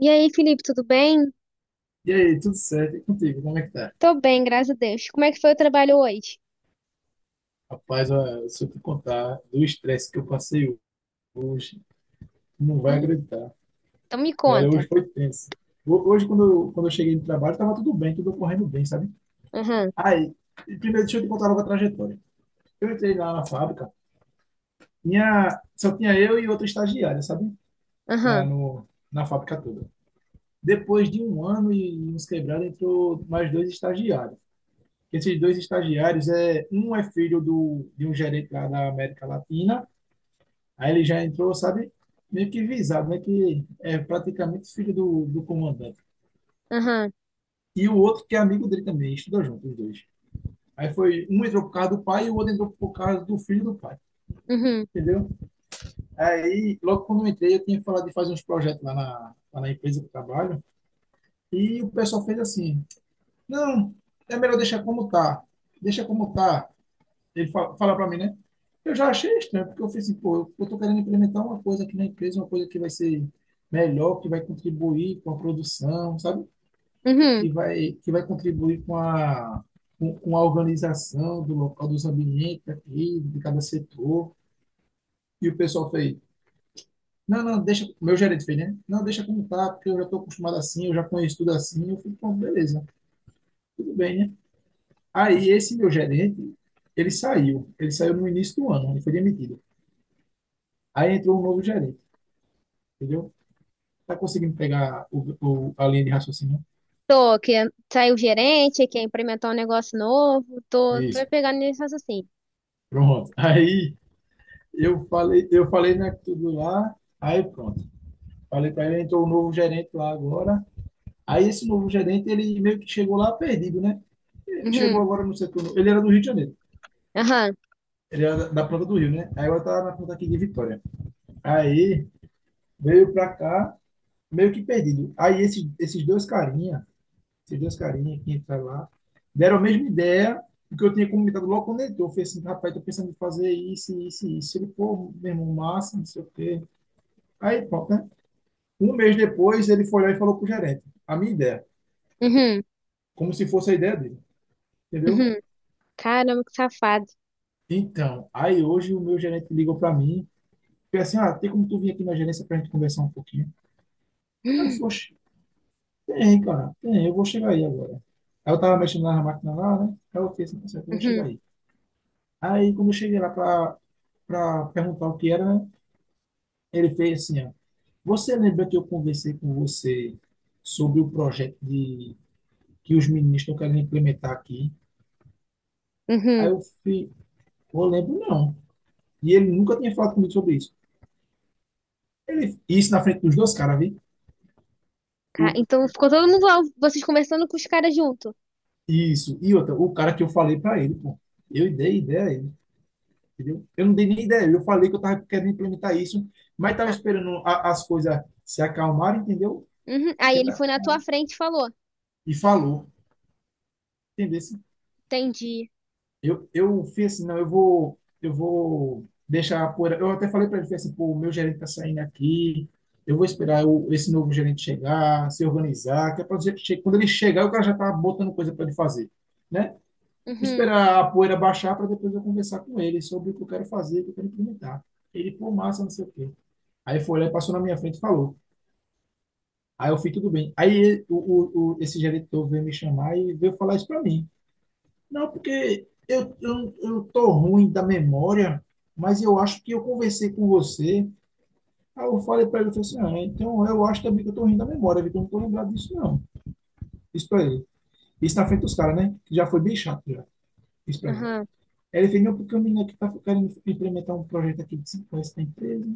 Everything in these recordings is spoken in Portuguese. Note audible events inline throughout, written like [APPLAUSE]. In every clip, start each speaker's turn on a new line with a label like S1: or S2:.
S1: E aí, Felipe, tudo bem?
S2: E aí, tudo certo? E contigo, como é que tá?
S1: Tô bem, graças a Deus. Como é que foi o trabalho hoje?
S2: Rapaz, ó, se eu te contar do estresse que eu passei hoje, tu não vai
S1: Ih,
S2: acreditar.
S1: então me
S2: Olha,
S1: conta.
S2: hoje foi tenso. Hoje, quando eu cheguei no trabalho, tava tudo bem, tudo correndo bem, sabe?
S1: Aham,
S2: Aí, primeiro, deixa eu te contar logo a trajetória. Eu entrei lá na fábrica, só tinha eu e outra estagiária, sabe? Lá
S1: aham,
S2: no, na fábrica toda. Depois de um ano e uns quebrados, entrou mais dois estagiários. Esses dois estagiários, é, um é filho de um gerente lá da América Latina. Aí ele já entrou, sabe, meio que visado, né? Que é praticamente filho do comandante.
S1: aham,
S2: E o outro que é amigo dele também, estuda junto, os dois. Aí foi, um entrou por causa do pai e o outro entrou por causa do filho do pai,
S1: uhum,
S2: entendeu? Aí, logo quando eu entrei, eu tinha falado de fazer uns projetos lá na empresa que eu trabalho, e o pessoal fez assim, não, é melhor deixar como tá, deixa como tá, ele fala para mim, né? Eu já achei estranho, porque eu falei assim, pô, eu tô querendo implementar uma coisa aqui na empresa, uma coisa que vai ser melhor, que vai contribuir com a produção, sabe?
S1: uhum.
S2: Que vai contribuir com a organização do local, dos ambientes aqui, de cada setor. E o pessoal fez, não, não, deixa, meu gerente fez, né? Não, deixa como tá, porque eu já estou acostumado assim, eu já conheço tudo assim. Eu falei, pô, beleza, tudo bem, né? Aí esse meu gerente, ele saiu no início do ano, ele foi demitido. Aí entrou um novo gerente. Entendeu? Tá conseguindo pegar a linha de raciocínio?
S1: Tô, que saiu o gerente, que é implementar um negócio novo. Tô,
S2: Né?
S1: tô
S2: Isso,
S1: pegando nesse assim.
S2: pronto. [LAUGHS] Aí eu falei né tudo lá, aí pronto. Falei para ele, entrou o novo gerente lá agora. Aí esse novo gerente, ele meio que chegou lá perdido, né? Ele chegou
S1: Uhum,
S2: agora no setor, ele era do Rio de Janeiro.
S1: aham,
S2: Ele era da planta do Rio, né? Aí eu tava na planta aqui de Vitória. Aí veio pra cá meio que perdido. Aí esses dois carinha esses dois carinhas que entraram lá, deram a mesma ideia do que eu tinha comentado logo quando ele entrou. Eu falei assim, rapaz, tô pensando em fazer isso, isso, isso. Ele, pô, meu irmão, massa, não sei o quê. Aí, pronto, né? Um mês depois, ele foi lá e falou pro gerente, a minha ideia,
S1: uhum,
S2: como se fosse a ideia dele, entendeu?
S1: uhum. Caramba, que safado.
S2: Então, aí hoje o meu gerente ligou para mim, falei assim, ah, tem como tu vir aqui na gerência pra gente conversar um pouquinho? Aí eu falei, "Oxe, tem, cara, tem, eu vou chegar aí agora. Aí eu tava mexendo na máquina lá, né? Aí eu falei assim, "Tá certo, eu vou chegar
S1: Uhum,
S2: aí. Aí, quando eu cheguei lá para perguntar o que era, né? Ele fez assim, ó, você lembra que eu conversei com você sobre o projeto de que os meninos estão querendo implementar aqui? Aí
S1: uhum.
S2: eu fui, eu lembro não. E ele nunca tinha falado comigo sobre isso. Ele, isso na frente dos dois caras, viu? O-
S1: Então ficou todo mundo lá, vocês conversando com os caras junto.
S2: isso. E outra, o cara que eu falei para ele, pô. Eu dei ideia a ele, entendeu? Eu não dei nem ideia. Eu falei que eu tava querendo implementar isso, mas tava
S1: Ah,
S2: esperando as coisas se acalmarem, entendeu?
S1: uhum. Aí
S2: Que
S1: ele
S2: era-
S1: foi na tua frente e falou.
S2: E falou, entendeu?
S1: Entendi.
S2: Eu fui assim, não, eu vou deixar a poeira. Eu até falei para ele, fui assim, pô, o meu gerente tá saindo aqui, eu vou esperar esse novo gerente chegar, se organizar, que é pra dizer quando ele chegar, o cara já tá botando coisa para ele fazer, né?
S1: Uhum,
S2: Esperar a poeira baixar para depois eu conversar com ele sobre o que eu quero fazer, o que eu quero implementar. Ele, pô, massa, não sei o quê. Aí foi lá e passou na minha frente e falou. Aí eu fui, tudo bem. Aí esse gerente novo veio me chamar e veio falar isso para mim. Não, porque eu tô ruim da memória, mas eu acho que eu conversei com você. Aí eu falei para ele, eu falei assim, ah, então eu acho também que eu tô ruim da memória, viu? Eu não tô lembrado disso, não. Isso para ele. Isso na frente dos caras, né? Que já foi bem chato, já. Isso para mim.
S1: aham.
S2: Aí ele fez, não, porque o menino aqui tá querendo implementar um projeto aqui de 5 anos da empresa,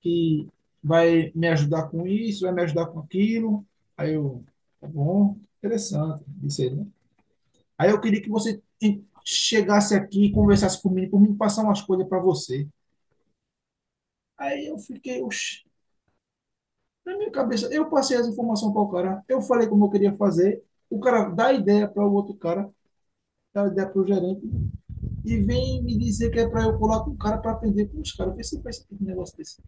S2: que vai me ajudar com isso, vai me ajudar com aquilo. Aí eu, tá bom, interessante, disse ele. Aí eu queria que você chegasse aqui e conversasse comigo, por mim passar umas coisas para você. Aí eu fiquei, oxi, na minha cabeça, eu passei as informações para o cara, eu falei como eu queria fazer, o cara dá ideia para o outro cara, dá ideia para o gerente, e vem me dizer que é para eu colar com o cara para aprender com os caras. Vê se faz um negócio desse.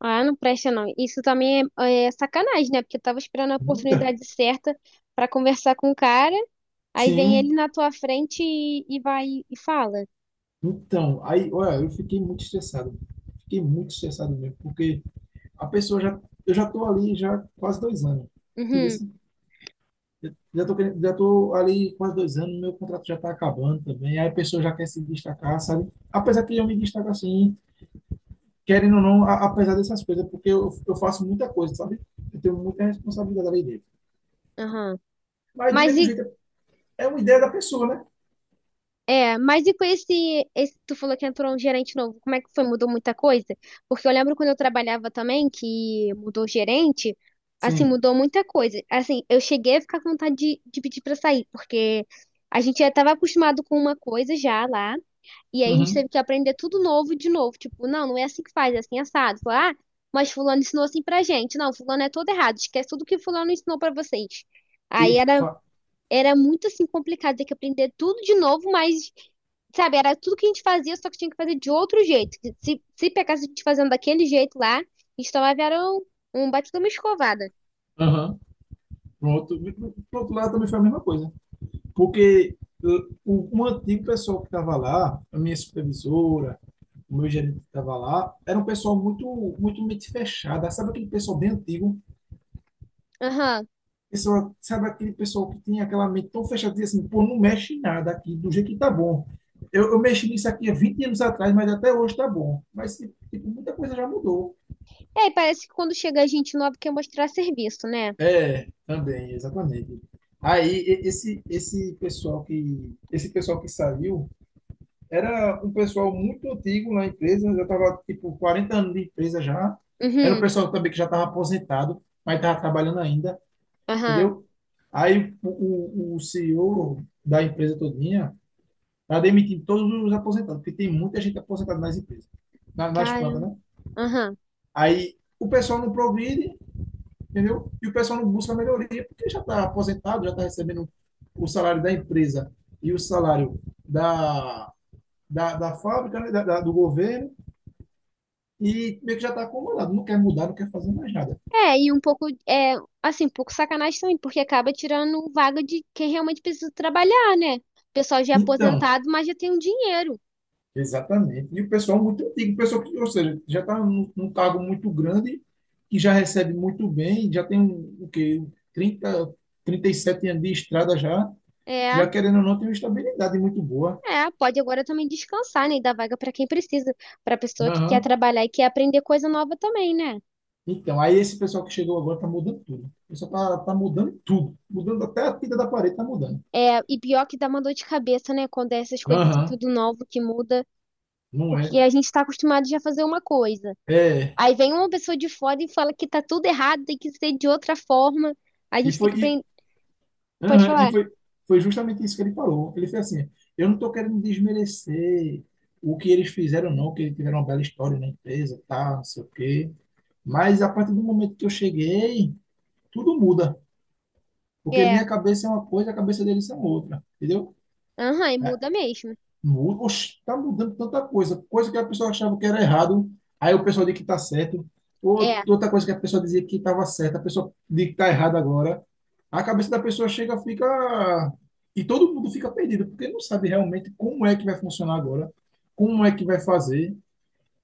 S1: Ah, não presta não. Isso também é sacanagem, né? Porque eu tava esperando a
S2: Muita?
S1: oportunidade certa pra conversar com o cara, aí vem ele
S2: Sim.
S1: na tua frente e vai e fala.
S2: Então, aí, olha, eu fiquei muito estressado. Fiquei muito estressado mesmo, porque a pessoa já, eu já tô ali já quase 2 anos. Entendeu?
S1: Uhum,
S2: Já tô ali quase 2 anos, meu contrato já está acabando também. Aí a pessoa já quer se destacar, sabe? Apesar que eu me destaco assim, querendo ou não, apesar dessas coisas, porque eu faço muita coisa, sabe? Eu tenho muita responsabilidade ali dentro.
S1: aham.
S2: Mas do
S1: Mas
S2: mesmo
S1: e
S2: jeito, é uma ideia da pessoa, né?
S1: mas e com esse tu falou que entrou um gerente novo, como é que foi? Mudou muita coisa? Porque eu lembro quando eu trabalhava também que mudou o gerente, assim,
S2: Sim.
S1: mudou muita coisa. Assim, eu cheguei a ficar com vontade de pedir pra sair, porque a gente já estava acostumado com uma coisa já lá. E aí a gente
S2: Uhum.
S1: teve que aprender tudo novo de novo. Tipo, não, não é assim que faz, é assim assado. Falar, ah, mas fulano ensinou assim pra gente. Não, fulano é todo errado. Esquece tudo que fulano ensinou pra vocês.
S2: E
S1: Aí era,
S2: fa-
S1: era muito assim complicado ter que aprender tudo de novo, mas, sabe, era tudo que a gente fazia, só que tinha que fazer de outro jeito. Se pegasse a gente fazendo daquele jeito lá, a gente tomava era um baita de uma escovada.
S2: Aham. Pronto. Pro outro lado também foi a mesma coisa. Porque o antigo pessoal que estava lá, a minha supervisora, o meu gerente que estava lá, era um pessoal muito, muito mente fechada. Sabe aquele pessoal bem antigo,
S1: Aham.
S2: pessoa, sabe aquele pessoal que tem aquela mente tão fechada, diz assim, pô, não mexe em nada aqui, do jeito que tá bom. Eu mexi nisso aqui há 20 anos atrás, mas até hoje tá bom. Mas, tipo, muita coisa já mudou.
S1: E aí parece que quando chega a gente nova quer mostrar serviço, né?
S2: É, também, exatamente. Aí, esse pessoal que saiu era um pessoal muito antigo na empresa, já estava tipo, 40 anos de empresa já. Era um
S1: Uhum.
S2: pessoal também que já estava aposentado, mas estava trabalhando ainda,
S1: Aham.
S2: entendeu? Aí, o CEO da empresa toda tá demitindo todos os aposentados, porque tem muita gente aposentada nas empresas, nas plantas,
S1: Cara.
S2: né?
S1: Aham.
S2: Aí o pessoal não progride, entendeu? E o pessoal não busca melhoria, porque já está aposentado, já está recebendo o salário da empresa e o salário da, da fábrica, né? Do governo, e meio que já está acomodado, não quer mudar, não quer fazer mais nada.
S1: É, e um pouco, é, assim, um pouco sacanagem também, porque acaba tirando vaga de quem realmente precisa trabalhar, né? O pessoal já é
S2: Então,
S1: aposentado, mas já tem um dinheiro.
S2: exatamente. E o pessoal é muito antigo, o pessoal que, ou seja, já está num cargo muito grande, que já recebe muito bem, já tem um, o quê? trinta, 37 anos de estrada já,
S1: É,
S2: já querendo ou não, tem uma estabilidade muito boa.
S1: é, pode agora também descansar, né? E dar vaga para quem precisa, para pessoa que quer
S2: Aham.
S1: trabalhar e quer aprender coisa nova também, né?
S2: Então, aí esse pessoal que chegou agora está mudando tudo. O pessoal está tá tá mudando tudo. Mudando até a tinta da parede, está mudando.
S1: É, e pior que dá uma dor de cabeça, né? Quando é essas coisas assim,
S2: Aham.
S1: tudo novo que muda,
S2: Não é?
S1: porque a gente está acostumado já a fazer uma coisa.
S2: É.
S1: Aí vem uma pessoa de fora e fala que tá tudo errado, tem que ser de outra forma. A
S2: E
S1: gente tem que
S2: foi.
S1: aprender. Pode
S2: Aham,
S1: falar.
S2: foi justamente isso que ele falou. Ele fez assim: eu não estou querendo desmerecer o que eles fizeram, não, que eles tiveram uma bela história na empresa, tá, não sei o quê. Mas a partir do momento que eu cheguei, tudo muda. Porque
S1: É.
S2: minha cabeça é uma coisa, a cabeça deles é outra. Entendeu?
S1: Aham, e
S2: É,
S1: muda mesmo.
S2: muda. Oxe, tá mudando tanta coisa. Coisa que a pessoa achava que era errado, aí o pessoal diz que tá certo. Outra
S1: É.
S2: outra coisa que a pessoa dizia que estava certa, a pessoa diz que tá errado agora. A cabeça da pessoa chega, fica. E todo mundo fica perdido, porque não sabe realmente como é que vai funcionar agora, como é que vai fazer,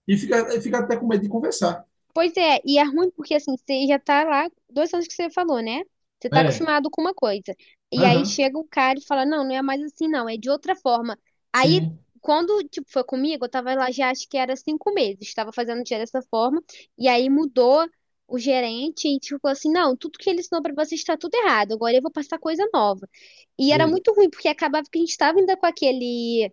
S2: e fica até com medo de conversar.
S1: Pois é, e é ruim porque assim, você já tá lá, 2 anos que você falou, né? Você tá
S2: É,
S1: acostumado com uma coisa. E aí
S2: aham,
S1: chega um cara e fala, não, não é mais assim, não, é de outra forma. Aí,
S2: sim,
S1: quando, tipo, foi comigo, eu tava lá já acho que era 5 meses, tava fazendo já dessa forma, e aí mudou o gerente e tipo assim, não, tudo que ele ensinou pra vocês tá tudo errado, agora eu vou passar coisa nova. E era
S2: vê.
S1: muito ruim, porque acabava que a gente tava ainda com aquele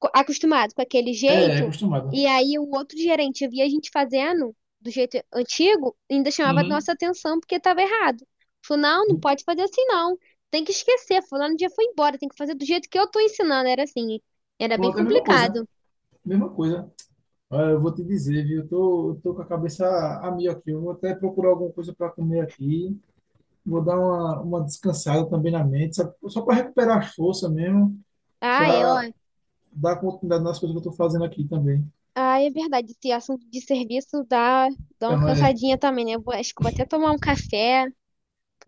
S1: acostumado com aquele
S2: É
S1: jeito,
S2: acostumado.
S1: e aí o outro gerente via a gente fazendo do jeito antigo, ainda chamava a
S2: Uhum.
S1: nossa atenção porque estava errado. Falou, não, não pode fazer assim não. Tem que esquecer, fulano dia foi embora, tem que fazer do jeito que eu tô ensinando. Era assim, era bem
S2: Pronto, é a mesma coisa,
S1: complicado.
S2: mesma coisa. Olha, eu vou te dizer, viu, eu tô com a cabeça a mil aqui, eu vou até procurar alguma coisa para comer aqui, vou dar uma descansada também na mente, sabe? Só para recuperar as forças mesmo,
S1: Ah, é,
S2: para
S1: ó.
S2: dar continuidade nas coisas que eu tô fazendo aqui também.
S1: Ah, é verdade, esse assunto de serviço dá, uma
S2: Então, é.
S1: cansadinha também, né? Acho que eu vou até tomar um café,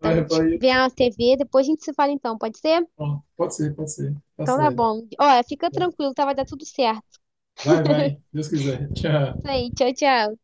S2: vai.
S1: ver a TV, depois a gente se fala então, pode ser?
S2: Bom, pode ser, pode ser. Tá
S1: Então tá
S2: certo.
S1: bom. Ó, fica
S2: É.
S1: tranquilo, tá? Vai dar tudo certo.
S2: Vai, vai. Deus quiser. [LAUGHS]
S1: Isso
S2: Tchau.
S1: aí, tchau, tchau.